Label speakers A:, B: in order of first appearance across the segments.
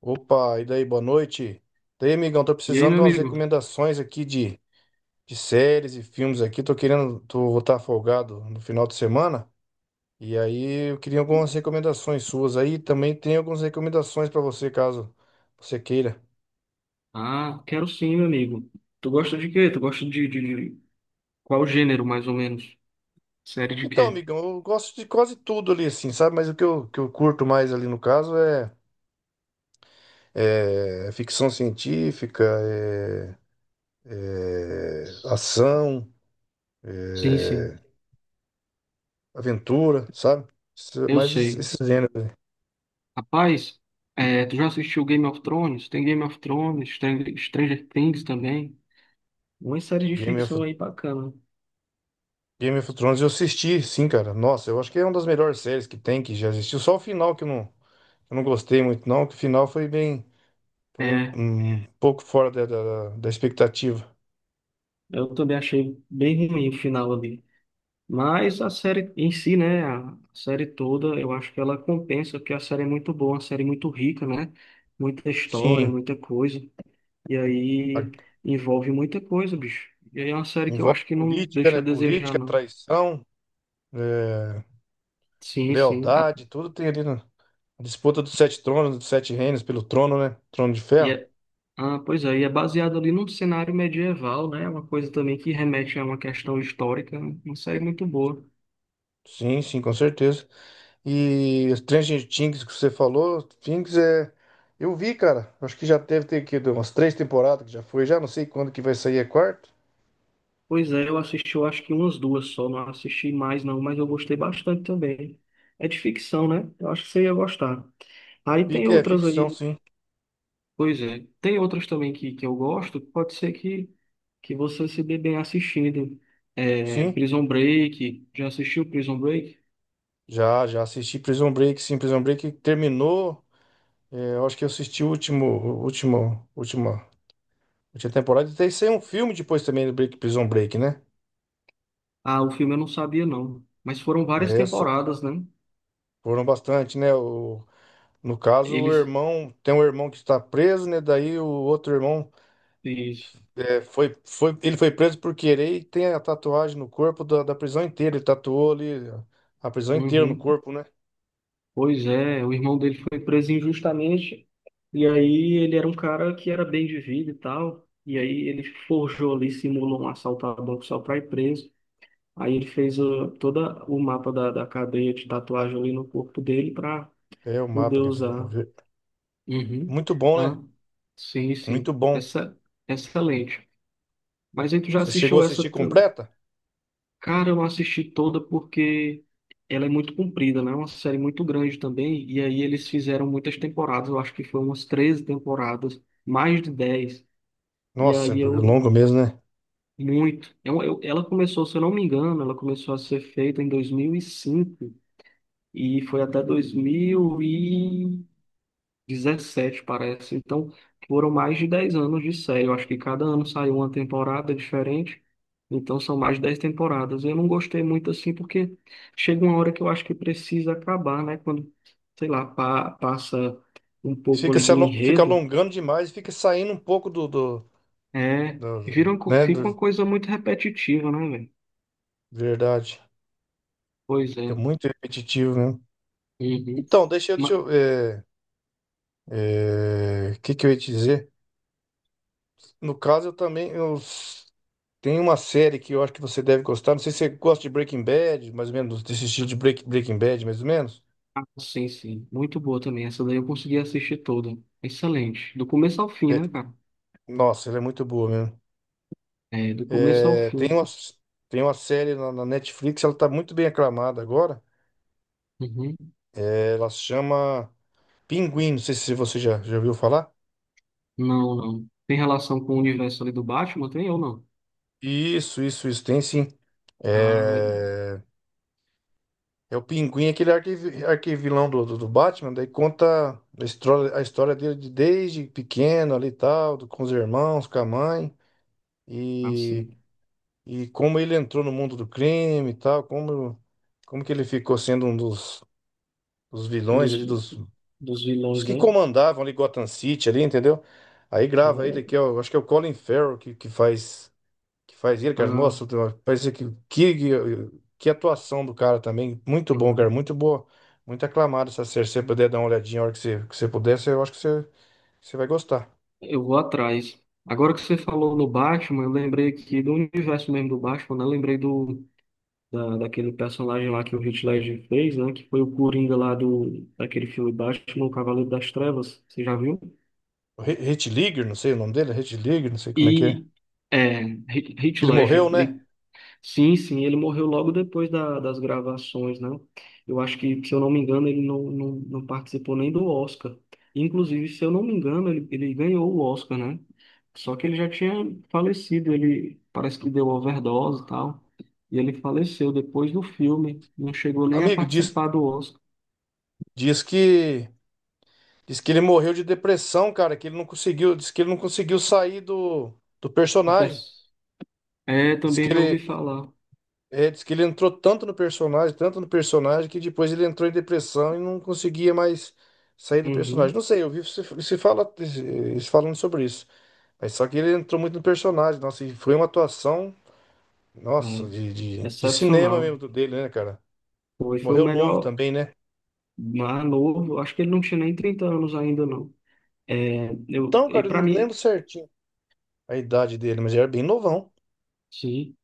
A: Opa, e daí, boa noite. Daí, amigão, tô
B: E aí,
A: precisando
B: meu
A: de umas
B: amigo?
A: recomendações aqui de séries e filmes aqui. Vou estar folgado no final de semana. E aí, eu queria algumas recomendações suas aí. Também tem algumas recomendações pra você, caso você queira.
B: Ah, quero sim, meu amigo. Tu gosta de quê? Tu gosta de qual gênero, mais ou menos? Série de
A: Então,
B: quê?
A: amigão, eu gosto de quase tudo ali, assim, sabe? Mas que eu curto mais ali no caso é ficção científica, é, é ação.
B: Sim, sim,
A: é, Aventura, sabe?
B: eu
A: Mas
B: sei.
A: esses gêneros,
B: Rapaz, tu já assistiu Game of Thrones? Tem Game of Thrones, Stranger Things também. Uma série de
A: Game
B: ficção
A: of,
B: aí bacana.
A: Game of Thrones, eu assisti, sim, cara. Nossa, eu acho que é uma das melhores séries que tem, que já existiu. Só o final que eu não gostei muito, não, que o final foi bem, foi
B: É,
A: um pouco fora da expectativa.
B: eu também achei bem ruim o final ali. Mas a série em si, né? A série toda, eu acho que ela compensa, porque a série é muito boa, uma série muito rica, né? Muita história,
A: Sim,
B: muita coisa. E aí
A: a-
B: envolve muita coisa, bicho. E aí é uma série que eu
A: envolve
B: acho que não
A: política,
B: deixa
A: né?
B: a desejar,
A: Política,
B: não.
A: traição, é,
B: Sim, sim.
A: lealdade, tudo tem ali na disputa dos sete tronos, dos sete reinos pelo trono, né? Trono de
B: E
A: ferro.
B: é- ah, pois é, e é baseado ali num cenário medieval, né? Uma coisa também que remete a uma questão histórica, né? Uma série muito boa.
A: Sim, sim, com certeza. E Stranger Things que você falou, Things é. Eu vi, cara. Acho que já deve ter aqui umas três temporadas que já foi, já não sei quando que vai sair a quarta.
B: Pois é, eu assisti, eu acho que umas duas só, não assisti mais não, mas eu gostei bastante também. É de ficção, né? Eu acho que você ia gostar. Aí tem
A: É
B: outras
A: ficção,
B: aí.
A: sim.
B: Pois é. Tem outras também que eu gosto, pode ser que você se dê bem assistindo. É,
A: Sim.
B: Prison Break, já assistiu Prison Break?
A: Já assisti Prison Break, sim. Prison Break terminou. É, eu acho que eu assisti última temporada. E tem saiu um filme depois também do Break, Prison Break, né?
B: Ah, o filme eu não sabia não, mas foram várias
A: Essa,
B: temporadas, né?
A: Foram bastante, né? No caso, o
B: Eles...
A: irmão. Tem um irmão que está preso, né? Daí o outro irmão.
B: eles-
A: É, ele foi preso por querer e tem a tatuagem no corpo da prisão inteira. Ele tatuou ali a prisão inteira no
B: Uhum.
A: corpo, né?
B: Pois é, o irmão dele foi preso injustamente, e aí ele era um cara que era bem de vida e tal, e aí ele forjou ali, simulou um assalto a banco só para ir preso. Aí ele fez todo o mapa da cadeia de tatuagem ali no corpo dele para
A: É o
B: poder
A: mapa, quer dizer.
B: usar. Uhum.
A: Muito bom, né?
B: Ah, sim,
A: Muito
B: sim.
A: bom.
B: Excelente. Mas aí tu já
A: Você chegou a
B: assistiu essa?
A: assistir completa?
B: Cara, eu não assisti toda porque ela é muito comprida, né? É uma série muito grande também. E aí eles fizeram muitas temporadas. Eu acho que foram umas 13 temporadas, mais de dez. E
A: Nossa, é
B: aí eu,
A: longo mesmo, né?
B: Muito. Ela começou, se eu não me engano, ela começou a ser feita em 2005 e foi até 2017 parece. Então, foram mais de 10 anos de série. Eu acho que cada ano saiu uma temporada diferente. Então, são mais de 10 temporadas. Eu não gostei muito assim, porque chega uma hora que eu acho que precisa acabar, né? Quando, sei lá, passa um pouco
A: Fica,
B: ali
A: se
B: do
A: alo- Fica
B: enredo,
A: alongando demais, fica saindo um pouco
B: é,
A: do- né?
B: fica uma coisa muito repetitiva, né, velho?
A: Verdade.
B: Pois
A: Fica
B: é.
A: muito repetitivo mesmo.
B: Uhum.
A: Então, Deixa
B: Ma-
A: eu é, é, o que, que eu ia te dizer? No caso, eu também. Eu, tem uma série que eu acho que você deve gostar. Não sei se você gosta de Breaking Bad, mais ou menos, desse estilo de Breaking Bad, mais ou menos.
B: ah, sim, sim. Muito boa também. Essa daí eu consegui assistir toda. Excelente. Do começo ao fim,
A: É,
B: né, cara?
A: nossa, ela é muito boa mesmo.
B: É, do começo ao
A: É,
B: fim.
A: tem uma série na Netflix, ela tá muito bem aclamada agora.
B: Uhum.
A: É, ela se chama Pinguim, não sei se já ouviu falar.
B: Não, não. Tem relação com o universo ali do Batman, tem ou não?
A: Isso, tem sim.
B: Ah, legal.
A: É, é o Pinguim, aquele arquivilão do Batman, daí conta a história dele de desde pequeno ali e tal, com os irmãos, com a mãe.
B: Ah,
A: E,
B: sim.
A: e como ele entrou no mundo do crime e tal, como, como que ele ficou sendo um dos vilões
B: Dos,
A: ali,
B: dos
A: dos
B: vilões,
A: que
B: né?
A: comandavam ali Gotham City ali, entendeu? Aí
B: Ah,
A: grava ele, que
B: legal.
A: é o, acho que é o Colin Farrell que faz ele, cara,
B: Ah,
A: nossa, parece que, que que atuação do cara também, muito bom, cara,
B: uhum.
A: muito boa, muito aclamado essa série, se você puder dar uma olhadinha a hora que que você puder, eu acho que você vai gostar.
B: Eu vou atrás. Agora que você falou no Batman, eu lembrei aqui do universo mesmo do Batman, né? Eu lembrei da, daquele personagem lá que o Heath Ledger fez, né? Que foi o Coringa lá do, daquele filme Batman, o Cavaleiro das Trevas. Você já viu?
A: Hitler, não sei o nome dele, Hitler, não sei como é.
B: E é, Heath
A: Que ele morreu,
B: Ledger.
A: né?
B: Sim, sim, ele morreu logo depois da- das gravações, né? Eu acho que, se eu não me engano, ele não participou nem do Oscar. Inclusive, se eu não me engano, ele ganhou o Oscar, né? Só que ele já tinha falecido, ele parece que deu overdose e tal. E ele faleceu depois do filme, não chegou nem a
A: Amigo,
B: participar do Oscar.
A: diz que diz que ele morreu de depressão, cara, que ele não conseguiu, diz que ele não conseguiu sair do
B: E
A: personagem.
B: pers- É,
A: Diz que
B: também já
A: ele
B: ouvi falar.
A: é, diz que ele entrou tanto no personagem que depois ele entrou em depressão e não conseguia mais sair do personagem.
B: Uhum,
A: Não sei, eu vi se fala se falando sobre isso. Mas só que ele entrou muito no personagem, nossa, e foi uma atuação, nossa,
B: é.
A: de cinema
B: Excepcional.
A: mesmo do dele, né, cara?
B: Foi o
A: Morreu novo
B: melhor,
A: também, né?
B: mais novo, acho que ele não tinha nem 30 anos ainda, não.
A: Então,
B: E
A: cara, eu
B: para
A: não lembro
B: mim,
A: certinho a idade dele, mas ele era bem novão.
B: sim.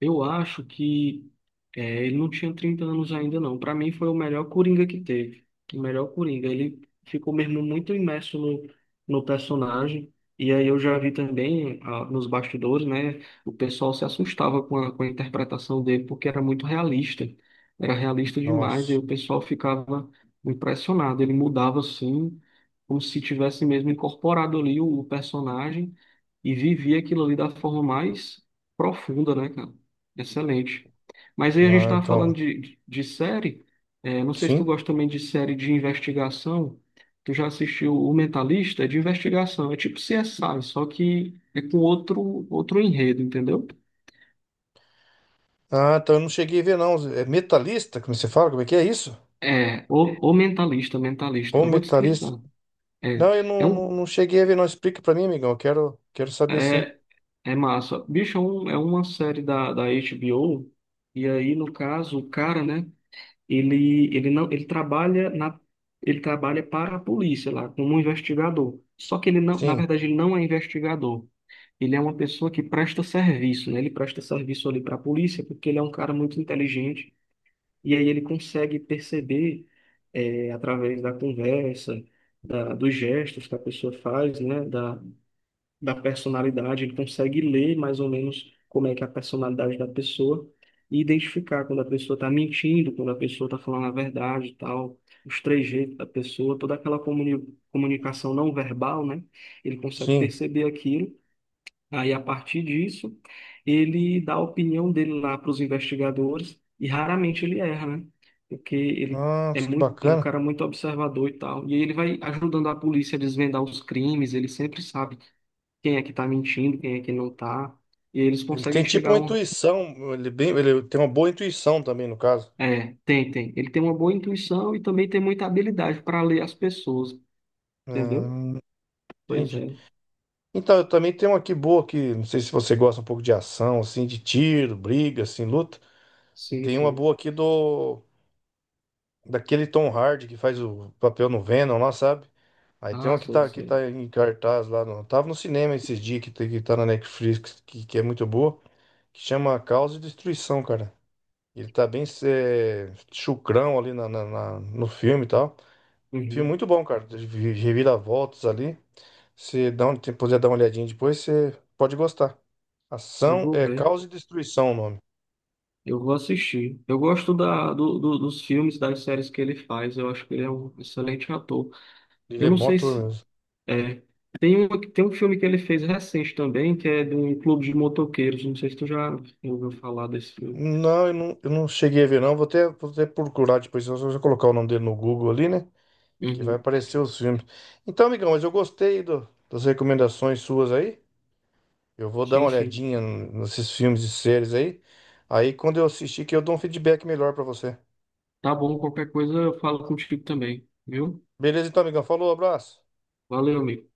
B: Eu acho que é, ele não tinha 30 anos ainda, não. Para mim, foi o melhor Coringa que teve. O melhor Coringa. Ele ficou mesmo muito imerso no personagem. E aí eu já vi também nos bastidores, né? O pessoal se assustava com a interpretação dele, porque era muito realista. Era realista demais. E
A: Nossa.
B: o pessoal ficava impressionado. Ele mudava assim, como se tivesse mesmo incorporado ali o personagem e vivia aquilo ali da forma mais profunda, né, cara? Excelente. Mas aí a gente
A: Ah,
B: estava falando
A: então,
B: de série. É, não sei se tu
A: sim.
B: gosta também de série de investigação. Tu já assistiu O Mentalista? É de investigação. É tipo CSI, só que é com outro, outro enredo, entendeu?
A: Ah, então eu não cheguei a ver, não. É metalista, como você fala? Como é que é isso?
B: O Mentalista, Mentalista.
A: Ou
B: Eu vou te
A: metalista?
B: explicar. É,
A: Não,
B: é, um,
A: não cheguei a ver, não. Explica pra mim, amigão. Eu quero, quero saber, sim.
B: é, é massa. Bicho, é uma série da HBO. E aí, no caso, o cara, né? ele não, ele trabalha na, ele trabalha para a polícia lá, como um investigador. Só que ele não, na
A: Sim,
B: verdade, ele não é investigador. Ele é uma pessoa que presta serviço, né? Ele presta serviço ali para a polícia porque ele é um cara muito inteligente e aí ele consegue perceber através da conversa, dos gestos que a pessoa faz, né? Da personalidade, ele consegue ler mais ou menos como é que é a personalidade da pessoa e identificar quando a pessoa está mentindo, quando a pessoa está falando a verdade e tal, os trejeitos da pessoa, toda aquela comunicação não verbal, né? Ele consegue
A: sim.
B: perceber aquilo. Aí, a partir disso, ele dá a opinião dele lá para os investigadores e raramente ele erra, né? Porque ele é
A: Nossa, que
B: muito, é um
A: bacana.
B: cara muito observador e tal. E aí ele vai ajudando a polícia a desvendar os crimes, ele sempre sabe quem é que tá mentindo, quem é que não tá. E eles
A: Ele
B: conseguem
A: tem tipo
B: chegar a
A: uma
B: um.
A: intuição. Ele, é bem, ele tem uma boa intuição também, no caso.
B: É, tem, tem. Ele tem uma boa intuição e também tem muita habilidade para ler as pessoas, entendeu?
A: Ah,
B: Pois
A: entendi.
B: é.
A: Então, eu também tenho uma aqui boa que não sei se você gosta um pouco de ação, assim, de tiro, briga, assim, luta.
B: Sim,
A: Tem uma
B: sim.
A: boa aqui do... Daquele Tom Hardy que faz o papel no Venom lá, sabe? Aí tem
B: Ah,
A: uma
B: sim,
A: que
B: sim.
A: tá em cartaz lá no. Tava no cinema esses dias que tá na Netflix, que é muito boa, que chama Caos e Destruição, cara. Ele tá bem é, chucrão ali no filme e tal. Filme
B: Uhum.
A: muito bom, cara. Reviravoltas ali. Se dá um, Se puder dar uma olhadinha depois, você pode gostar.
B: Eu
A: Ação
B: vou
A: é
B: ver.
A: Caos e Destruição o nome.
B: Eu vou assistir. Eu gosto dos filmes, das séries que ele faz. Eu acho que ele é um excelente ator.
A: Ele
B: Eu
A: é
B: não
A: bom
B: sei
A: ator
B: se.
A: mesmo.
B: É. Tem um filme que ele fez recente também, que é de um clube de motoqueiros. Não sei se tu já ouviu falar desse filme.
A: Não, eu não cheguei a ver, não. Vou até procurar depois. Eu vou colocar o nome dele no Google ali, né? Que vai
B: Uhum.
A: aparecer os filmes. Então, amigão, mas eu gostei das recomendações suas aí. Eu vou dar uma
B: Sim, sim.
A: olhadinha nesses filmes e séries aí. Aí, quando eu assistir, que eu dou um feedback melhor pra você.
B: Tá bom, qualquer coisa eu falo contigo também, viu?
A: Beleza, então, amigão. Falou, abraço.
B: Valeu, amigo.